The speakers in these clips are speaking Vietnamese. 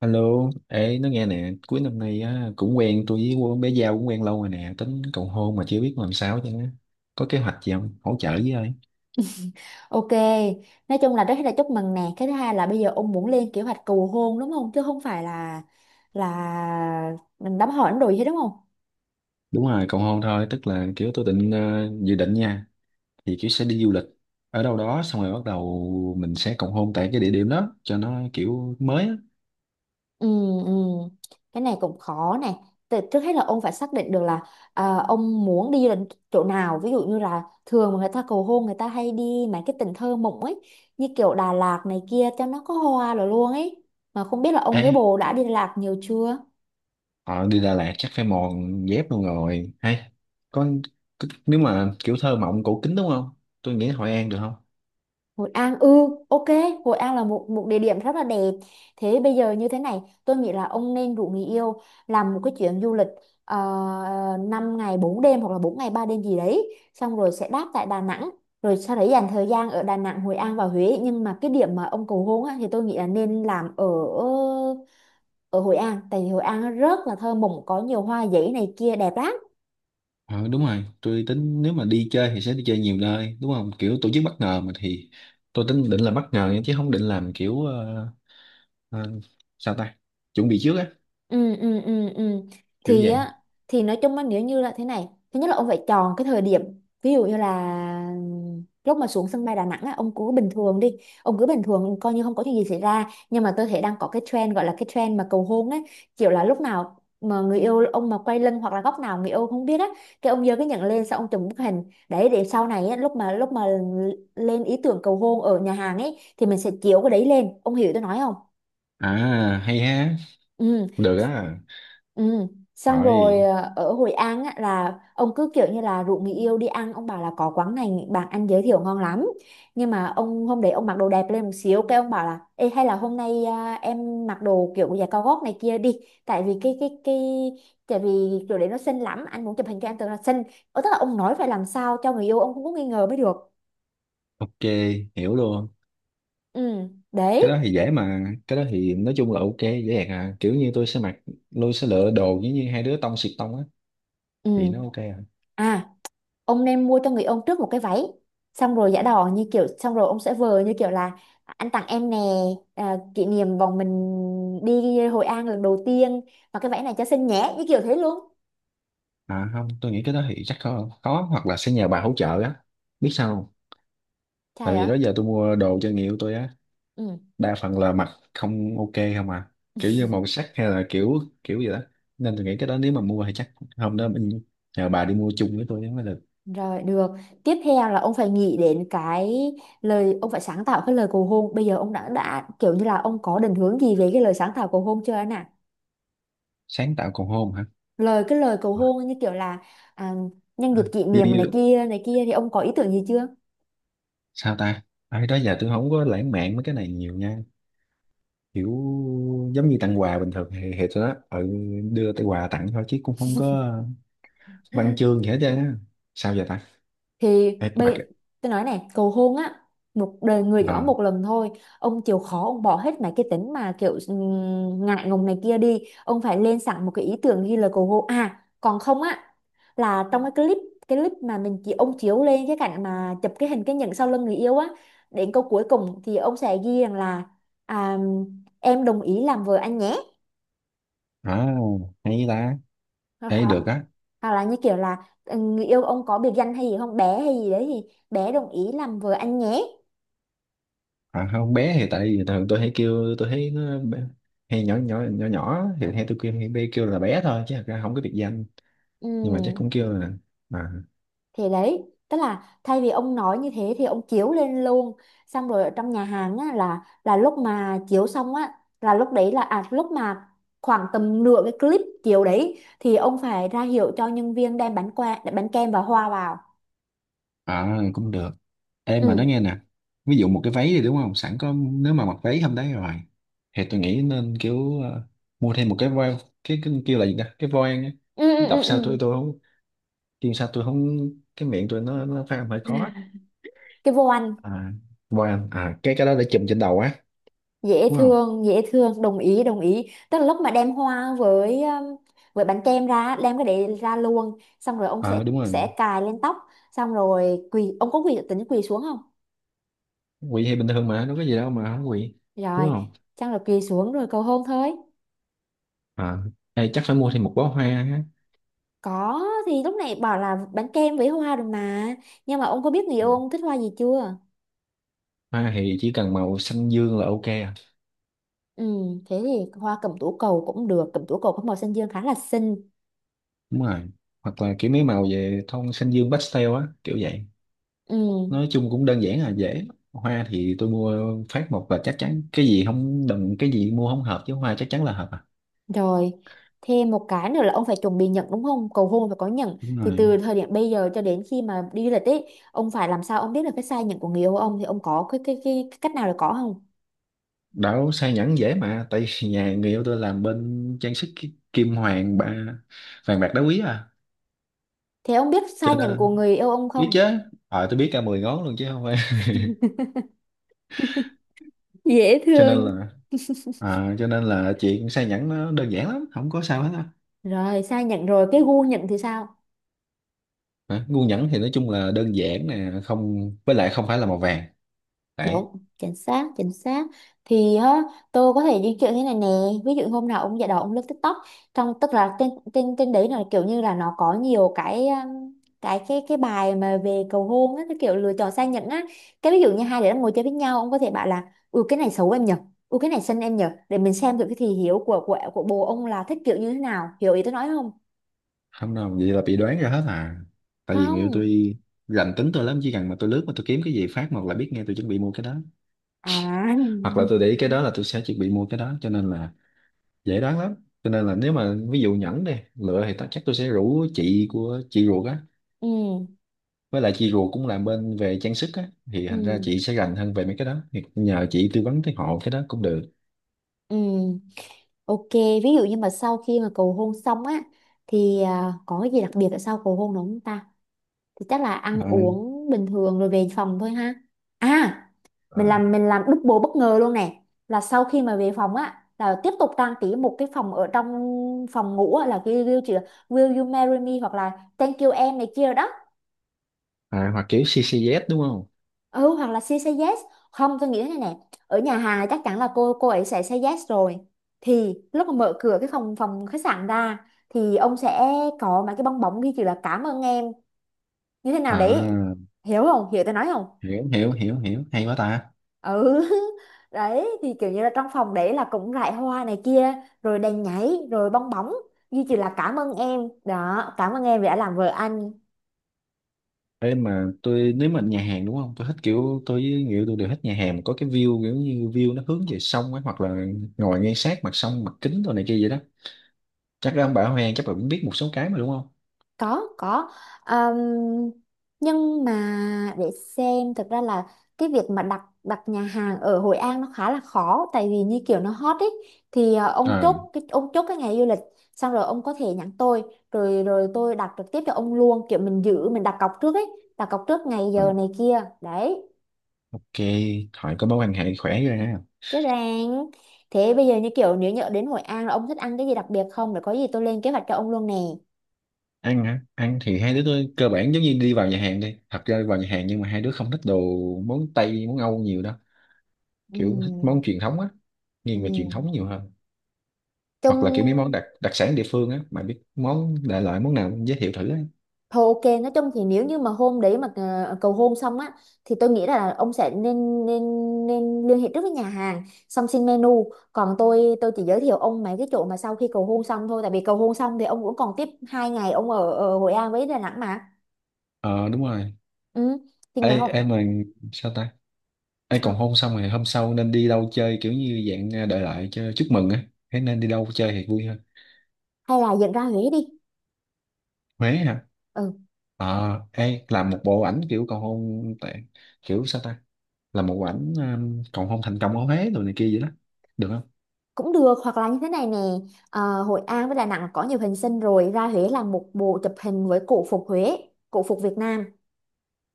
Alo, ê, nó nghe nè, cuối năm nay á, cũng quen tôi với cô bé Giao cũng quen lâu rồi nè, tính cầu hôn mà chưa biết làm sao chứ. Có kế hoạch gì không? Hỗ trợ với ơi. Ok, nói chung là rất là chúc mừng nè. Cái thứ hai là bây giờ ông muốn lên kế hoạch cầu hôn đúng không? Chứ không phải là mình đám hỏi rồi hết đúng không? Đúng rồi, cầu hôn thôi, tức là kiểu tôi định dự định nha, thì kiểu sẽ đi du lịch ở đâu đó xong rồi bắt đầu mình sẽ cầu hôn tại cái địa điểm đó cho nó kiểu mới á. Ừ, ừ. Cái này cũng khó này. Trước hết là ông phải xác định được là ông muốn đi đến chỗ nào. Ví dụ như là thường mà người ta cầu hôn người ta hay đi mấy cái tỉnh thơ mộng ấy. Như kiểu Đà Lạt này kia cho nó có hoa rồi luôn ấy. Mà không biết là ông Ê, với bồ đã đi Đà Lạt nhiều chưa? ờ, đi Đà Lạt chắc phải mòn dép luôn rồi. Hay, có nếu mà kiểu thơ mộng cổ kính đúng không? Tôi nghĩ Hội An được không? Hội An, ừ, ok. Hội An là một một địa điểm rất là đẹp. Thế bây giờ như thế này tôi nghĩ là ông nên rủ người yêu làm một cái chuyến du lịch 5 ngày 4 đêm hoặc là 4 ngày 3 đêm gì đấy, xong rồi sẽ đáp tại Đà Nẵng, rồi sau đấy dành thời gian ở Đà Nẵng, Hội An và Huế. Nhưng mà cái điểm mà ông cầu hôn á, thì tôi nghĩ là nên làm ở ở Hội An, tại vì Hội An rất là thơ mộng, có nhiều hoa giấy này kia đẹp lắm. Ờ, đúng rồi, tôi tính nếu mà đi chơi thì sẽ đi chơi nhiều nơi, đúng không? Kiểu tổ chức bất ngờ mà thì tôi tính định là bất ngờ nha, chứ không định làm kiểu ờ, sao ta? Chuẩn bị trước á, Ừ, ừ, ừ, ừ. kiểu Thì vậy. á, thì nói chung á, nếu như là thế này, thứ nhất là ông phải chọn cái thời điểm. Ví dụ như là lúc mà xuống sân bay Đà Nẵng á, ông cứ bình thường đi, ông cứ bình thường coi như không có chuyện gì xảy ra. Nhưng mà tôi thấy đang có cái trend, gọi là cái trend mà cầu hôn ấy, kiểu là lúc nào mà người yêu ông mà quay lưng hoặc là góc nào người yêu không biết á, cái ông giơ cái nhận lên xong ông chụp bức hình đấy, để sau này á lúc mà lên ý tưởng cầu hôn ở nhà hàng ấy, thì mình sẽ chiếu cái đấy lên, ông hiểu tôi nói không? À, hay ha. Ừ. Được á. Ừ. Xong Rồi, rồi, ờ, ở Hội An á, là ông cứ kiểu như là rủ người yêu đi ăn, ông bảo là có quán này bạn anh giới thiệu ngon lắm, nhưng mà ông hôm đấy ông mặc đồ đẹp lên một xíu, cái ông bảo là: Ê, hay là hôm nay em mặc đồ kiểu giày cao gót này kia đi, tại vì cái tại vì kiểu đấy nó xinh lắm anh muốn chụp hình cho em tưởng là xinh. Ờ, tức là ông nói phải làm sao cho người yêu ông cũng có nghi ngờ mới được. ok, hiểu luôn. Ừ, Cái đấy. đó thì dễ mà, cái đó thì nói chung là ok, dễ dàng à. Kiểu như tôi sẽ mặc, tôi sẽ lựa đồ giống như hai đứa tông xịt tông á, thì nó Ừ, ok à. à, ông nên mua cho người ông trước một cái váy, xong rồi giả đò như kiểu, xong rồi ông sẽ vờ như kiểu là: Anh tặng em nè, à, kỷ niệm bọn mình đi Hội An lần đầu tiên và cái váy này cho xinh nhé, như kiểu thế luôn. À không, tôi nghĩ cái đó thì chắc khó, khó hoặc là sẽ nhờ bà hỗ trợ á. Biết sao không? Tại Trai vì đó ạ. giờ tôi mua đồ cho người yêu tôi á, Ừ. đa phần là mặt không ok không à, kiểu như màu sắc hay là kiểu kiểu gì đó, nên tôi nghĩ cái đó nếu mà mua thì chắc hôm đó mình nhờ bà đi mua chung với tôi mới được. Rồi, được, tiếp theo là ông phải nghĩ đến cái lời, ông phải sáng tạo cái lời cầu hôn. Bây giờ ông đã kiểu như là ông có định hướng gì về cái lời sáng tạo cầu hôn chưa anh ạ? Sáng tạo còn hôn hả? Lời, cái lời cầu hôn như kiểu là: À, nhân Ừ. dịp kỷ như, niệm như này kia này kia. Thì ông có ý tưởng gì chưa? sao ta? Ai đó giờ tôi không có lãng mạn mấy cái này nhiều nha, kiểu giống như tặng quà bình thường thì tôi đó, đưa tới quà tặng thôi chứ cũng không có văn chương gì hết trơn á. Sao giờ ta? Thì Ê, mà tôi nói này, cầu hôn á, một đời người ờ gõ một lần thôi, ông chịu khó ông bỏ hết mấy cái tính mà kiểu ngại ngùng này kia đi, ông phải lên sẵn một cái ý tưởng ghi lời cầu hôn. À, còn không á, là trong cái clip, cái clip mà mình chỉ ông chiếu lên cái cảnh mà chụp cái hình cái nhẫn sau lưng người yêu á, đến câu cuối cùng thì ông sẽ ghi rằng là: À, em đồng ý làm vợ anh nhé. à, hay ta, Hoặc thấy hoặc- được á. hoặc là như kiểu là, ừ, người yêu ông có biệt danh hay gì không, bé hay gì đấy, thì: Bé đồng ý làm vợ anh nhé. À, không bé thì tại vì thường tôi hay kêu, tôi thấy nó hay nhỏ nhỏ nhỏ nhỏ thì hay tôi kêu, hay bé kêu là bé thôi chứ thật ra không có biệt danh, Ừ, nhưng mà chắc cũng kêu là à, thì đấy, tức là thay vì ông nói như thế thì ông chiếu lên luôn. Xong rồi ở trong nhà hàng á, là lúc mà chiếu xong á, là lúc đấy là à lúc mà khoảng tầm nửa cái clip chiếu đấy, thì ông phải ra hiệu cho nhân viên đem bánh qua, bánh kem và hoa vào. à cũng được. Em mà nói Ừ. nghe nè, ví dụ một cái váy thì đúng không, sẵn có nếu mà mặc váy hôm đấy rồi thì tôi nghĩ nên kiểu mua thêm một cái voi, cái kêu là gì ta, cái voan á. Ừ, ừ, Đọc ừ, ừ. sao tôi không, kêu sao tôi không, cái miệng tôi nó phát âm hơi khó. Cái vô ăn, À, voan à, cái đó để chùm trên đầu á, dễ đúng không? thương, dễ thương, đồng ý đồng ý, tức là lúc mà đem hoa với bánh kem ra, đem cái đấy ra luôn, xong rồi ông sẽ Ờ đúng rồi, sẽ cài lên tóc, xong rồi quỳ, ông có quỳ tính quỳ xuống không? quỵ thì bình thường mà đâu có gì đâu mà không quỵ, Rồi, đúng không? chắc là quỳ xuống rồi cầu hôn thôi. À, đây chắc phải mua thêm một bó hoa á. Có thì lúc này bảo là bánh kem với hoa rồi mà, nhưng mà ông có biết người Ừ. yêu ông thích hoa gì chưa? Hoa thì chỉ cần màu xanh dương là ok à. Ừ, thế thì hoa cẩm tú cầu cũng được, cẩm tú cầu có màu xanh dương khá là xinh. Đúng rồi, hoặc là kiểu mấy màu về tông xanh dương pastel á, kiểu vậy. Ừ. Nói chung cũng đơn giản à, dễ. Hoa thì tôi mua phát một là chắc chắn, cái gì không đừng, cái gì mua không hợp chứ hoa chắc chắn là hợp à. Rồi, thêm một cái nữa là ông phải chuẩn bị nhẫn đúng không? Cầu hôn phải có nhẫn. Đúng Thì rồi, từ thời điểm bây giờ cho đến khi mà đi du lịch ấy, ông phải làm sao ông biết được cái size nhẫn của người yêu ông. Thì ông có cái cách nào để có không? đảo sai nhẫn dễ mà, tại vì nhà người yêu tôi làm bên trang sức, kim hoàng ba, vàng bạc đá quý à, Thế ông biết size cho nhẫn của nên người yêu ông biết không? chứ. Ờ tôi biết cả 10 ngón luôn chứ không, Dễ cho nên thương. là, chuyện sa nhẫn nó đơn giản lắm không có sao hết á. Rồi, size nhẫn rồi, cái gu nhẫn thì sao? Hả? Ngu nhẫn thì nói chung là đơn giản nè, không, với lại không phải là màu vàng đấy. Đúng, chính xác, chính xác. Thì á, tôi có thể di chuyển thế này nè. Ví dụ hôm nào ông già đò ông lướt TikTok, trong, tức là trên trên trên đấy là kiểu như là nó có nhiều cái, cái bài mà về cầu hôn á, cái kiểu lựa chọn sang nhẫn á. Cái ví dụ như hai đứa đang ngồi chơi với nhau, ông có thể bảo là: Ừ cái này xấu em nhỉ, ừ cái này xinh em nhỉ, để mình xem được cái thị hiếu của bồ ông là thích kiểu như thế nào. Hiểu ý tôi nói không? Không đâu, vậy là bị đoán ra hết à, tại vì người yêu Không. tôi rành tính tôi lắm, chỉ cần mà tôi lướt mà tôi kiếm cái gì phát một là biết ngay tôi chuẩn bị mua cái đó, À. hoặc là tôi để ý cái đó là tôi sẽ chuẩn bị mua cái đó, cho nên là dễ đoán lắm. Cho nên là nếu mà ví dụ nhẫn đi lựa thì chắc tôi sẽ rủ chị của chị ruột á. Ừ. Với lại chị ruột cũng làm bên về trang sức á, thì Ừ. thành ra chị sẽ rành hơn về mấy cái đó, thì nhờ chị tư vấn tới hộ cái đó cũng được. Ừ. Ok, ví dụ như mà sau khi mà cầu hôn xong á, thì à, có cái gì đặc biệt ở sau cầu hôn đúng không ta? Thì chắc là ăn à, uống bình thường rồi về phòng thôi ha. À, à, mình làm double bất ngờ luôn nè. Là sau khi mà về phòng á là tiếp tục trang trí một cái phòng, ở trong phòng ngủ á, là cái will, Will you marry me hoặc là thank you em này kia đó. Hoặc kiểu CCZ đúng không? Ừ, hoặc là she say yes. Không, tôi nghĩ thế này nè, ở nhà hàng chắc chắn là cô ấy sẽ say yes rồi, thì lúc mà mở cửa cái phòng phòng khách sạn ra thì ông sẽ có mấy cái bong bóng ghi chữ là cảm ơn em như thế nào đấy. À, Hiểu không, hiểu tôi nói không? hiểu hiểu hiểu hiểu, hay quá ta. Ừ. Đấy, thì kiểu như là trong phòng đấy là cũng rải hoa này kia, rồi đèn nhảy rồi bong bóng ghi chữ là cảm ơn em đó, cảm ơn em vì đã làm vợ anh. Ê mà tôi, nếu mà nhà hàng đúng không, tôi thích kiểu tôi với người yêu tôi đều thích nhà hàng mà có cái view, kiểu như view nó hướng về sông ấy, hoặc là ngồi ngay sát mặt sông, mặt kính đồ này kia vậy đó, chắc là ông bà Hoàng chắc là cũng biết một số cái mà, đúng không? Có có. Ờm, nhưng mà, để xem, thực ra là cái việc mà đặt đặt nhà hàng ở Hội An nó khá là khó, tại vì như kiểu nó hot ấy. Thì ờ, ông à, chốt cái ông chốt cái ngày du lịch, xong rồi ông có thể nhắn tôi, rồi rồi tôi đặt trực tiếp cho ông luôn, kiểu mình giữ, mình đặt cọc trước ấy, đặt cọc trước ngày à giờ này kia đấy. ok, hỏi có mối quan hệ khỏe rồi ha. Chứ ràng. Thế bây giờ như kiểu nếu nhỡ đến Hội An là ông thích ăn cái gì đặc biệt không, để có gì tôi lên kế hoạch cho ông luôn nè. Ăn hả? Ăn thì hai đứa tôi cơ bản giống như đi vào nhà hàng, đi thật ra vào nhà hàng, nhưng mà hai đứa không thích đồ món Tây món Âu nhiều đâu, kiểu thích món Ừ, truyền thống á, nghiêng về truyền ừ, thống nhiều hơn. Hoặc là kiểu mấy món chung. đặc đặc sản địa phương á, mà biết món đại loại món nào cũng giới thiệu thử á. Thôi ok, nói chung thì nếu như mà hôm đấy mà ờ, cầu hôn xong á, thì tôi nghĩ là ông sẽ nên nên nên liên hệ trước với nhà hàng, xong xin menu. Còn tôi chỉ giới thiệu ông mấy cái chỗ mà sau khi cầu hôn xong thôi, tại vì cầu hôn xong thì ông cũng còn tiếp 2 ngày ông ở Hội An với Đà Nẵng mà. Ờ đúng rồi. Ừ. Thì Ê ngày hôm em mà, sao ta? Ê, còn sao, hôn xong rồi hôm sau nên đi đâu chơi, kiểu như dạng à, đại loại cho chúc mừng á, thế nên đi đâu chơi thì vui hơn. hay là dẫn ra Huế đi. Huế hả? Ừ, Ê, làm một bộ ảnh kiểu cầu hôn tại, kiểu sao ta, là một ảnh còn không thành công ở Huế rồi này kia vậy đó, được không? cũng được, hoặc là như thế này nè, ờ, Hội An với Đà Nẵng có nhiều hình sinh rồi, ra Huế làm một bộ chụp hình với cổ phục Huế, cổ phục Việt Nam.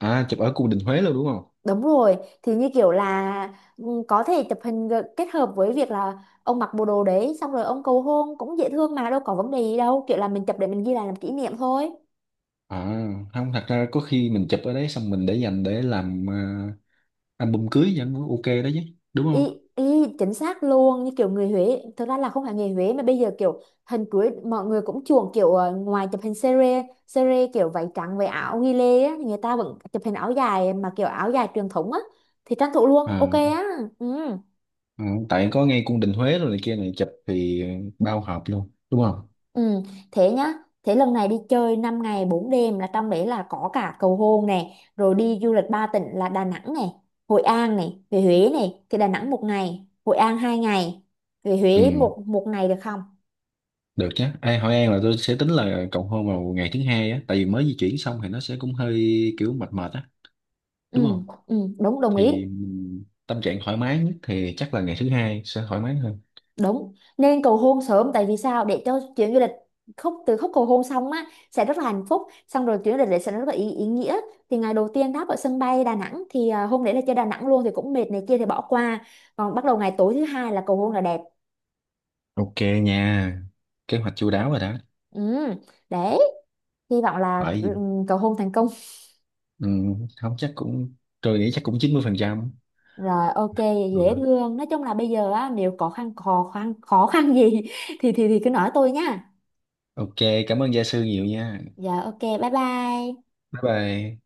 À, chụp ở cung đình Huế luôn đúng không? Đúng rồi, thì như kiểu là, ừ, có thể chụp hình kết hợp với việc là ông mặc bộ đồ đấy xong rồi ông cầu hôn cũng dễ thương mà, đâu có vấn đề gì đâu, kiểu là mình chụp để mình ghi lại làm kỷ niệm thôi. À không, thật ra có khi mình chụp ở đấy xong mình để dành để làm album cưới vẫn ok đó chứ, đúng không? Y, y chính xác luôn, như kiểu người Huế, thực ra là không phải người Huế mà bây giờ kiểu hình cưới mọi người cũng chuộng kiểu ờ, ngoài chụp hình sere kiểu váy trắng với áo ghi lê á, thì người ta vẫn chụp hình áo dài mà kiểu áo dài truyền thống á, thì tranh thủ luôn, À, ok á. Ừ. ừ, tại có ngay cung đình Huế rồi này kia này chụp thì bao hợp luôn, đúng không? Ừ, thế nhá. Thế lần này đi chơi 5 ngày 4 đêm là trong đấy là có cả cầu hôn này, rồi đi du lịch ba tỉnh là Đà Nẵng này, Hội An này, về Huế này, thì Đà Nẵng 1 ngày, Hội An 2 ngày, về Ừ Huế một một ngày được không? được chứ. Ê, Hội An là tôi sẽ tính là cầu hôn vào ngày thứ hai á, tại vì mới di chuyển xong thì nó sẽ cũng hơi kiểu mệt mệt á, đúng Ừ, không? ừ, đúng, đồng Thì ý. Tâm trạng thoải mái nhất thì chắc là ngày thứ hai sẽ thoải mái hơn. Đúng, nên cầu hôn sớm, tại vì sao, để cho chuyến du lịch, khúc từ khúc cầu hôn xong á sẽ rất là hạnh phúc, xong rồi chuyến du lịch đấy sẽ rất là ý nghĩa. Thì ngày đầu tiên đáp ở sân bay Đà Nẵng, thì à, hôm đấy là chơi Đà Nẵng luôn thì cũng mệt này kia thì bỏ qua, còn bắt đầu ngày tối thứ hai là cầu hôn là đẹp. Ok nha, kế hoạch chu đáo rồi đó. Ừ, đấy, hy vọng là, Hỏi ừ, gì? cầu hôn thành công. Ừ, không chắc cũng, tôi nghĩ chắc cũng 90%. Rồi, ok. Dễ Ừ. thương, nói chung là bây giờ á nếu có khăn khó khăn khó khăn gì thì thì cứ nói tôi nha. Ok, cảm ơn gia sư nhiều nha. Dạ, ok, bye bye. Bye bye.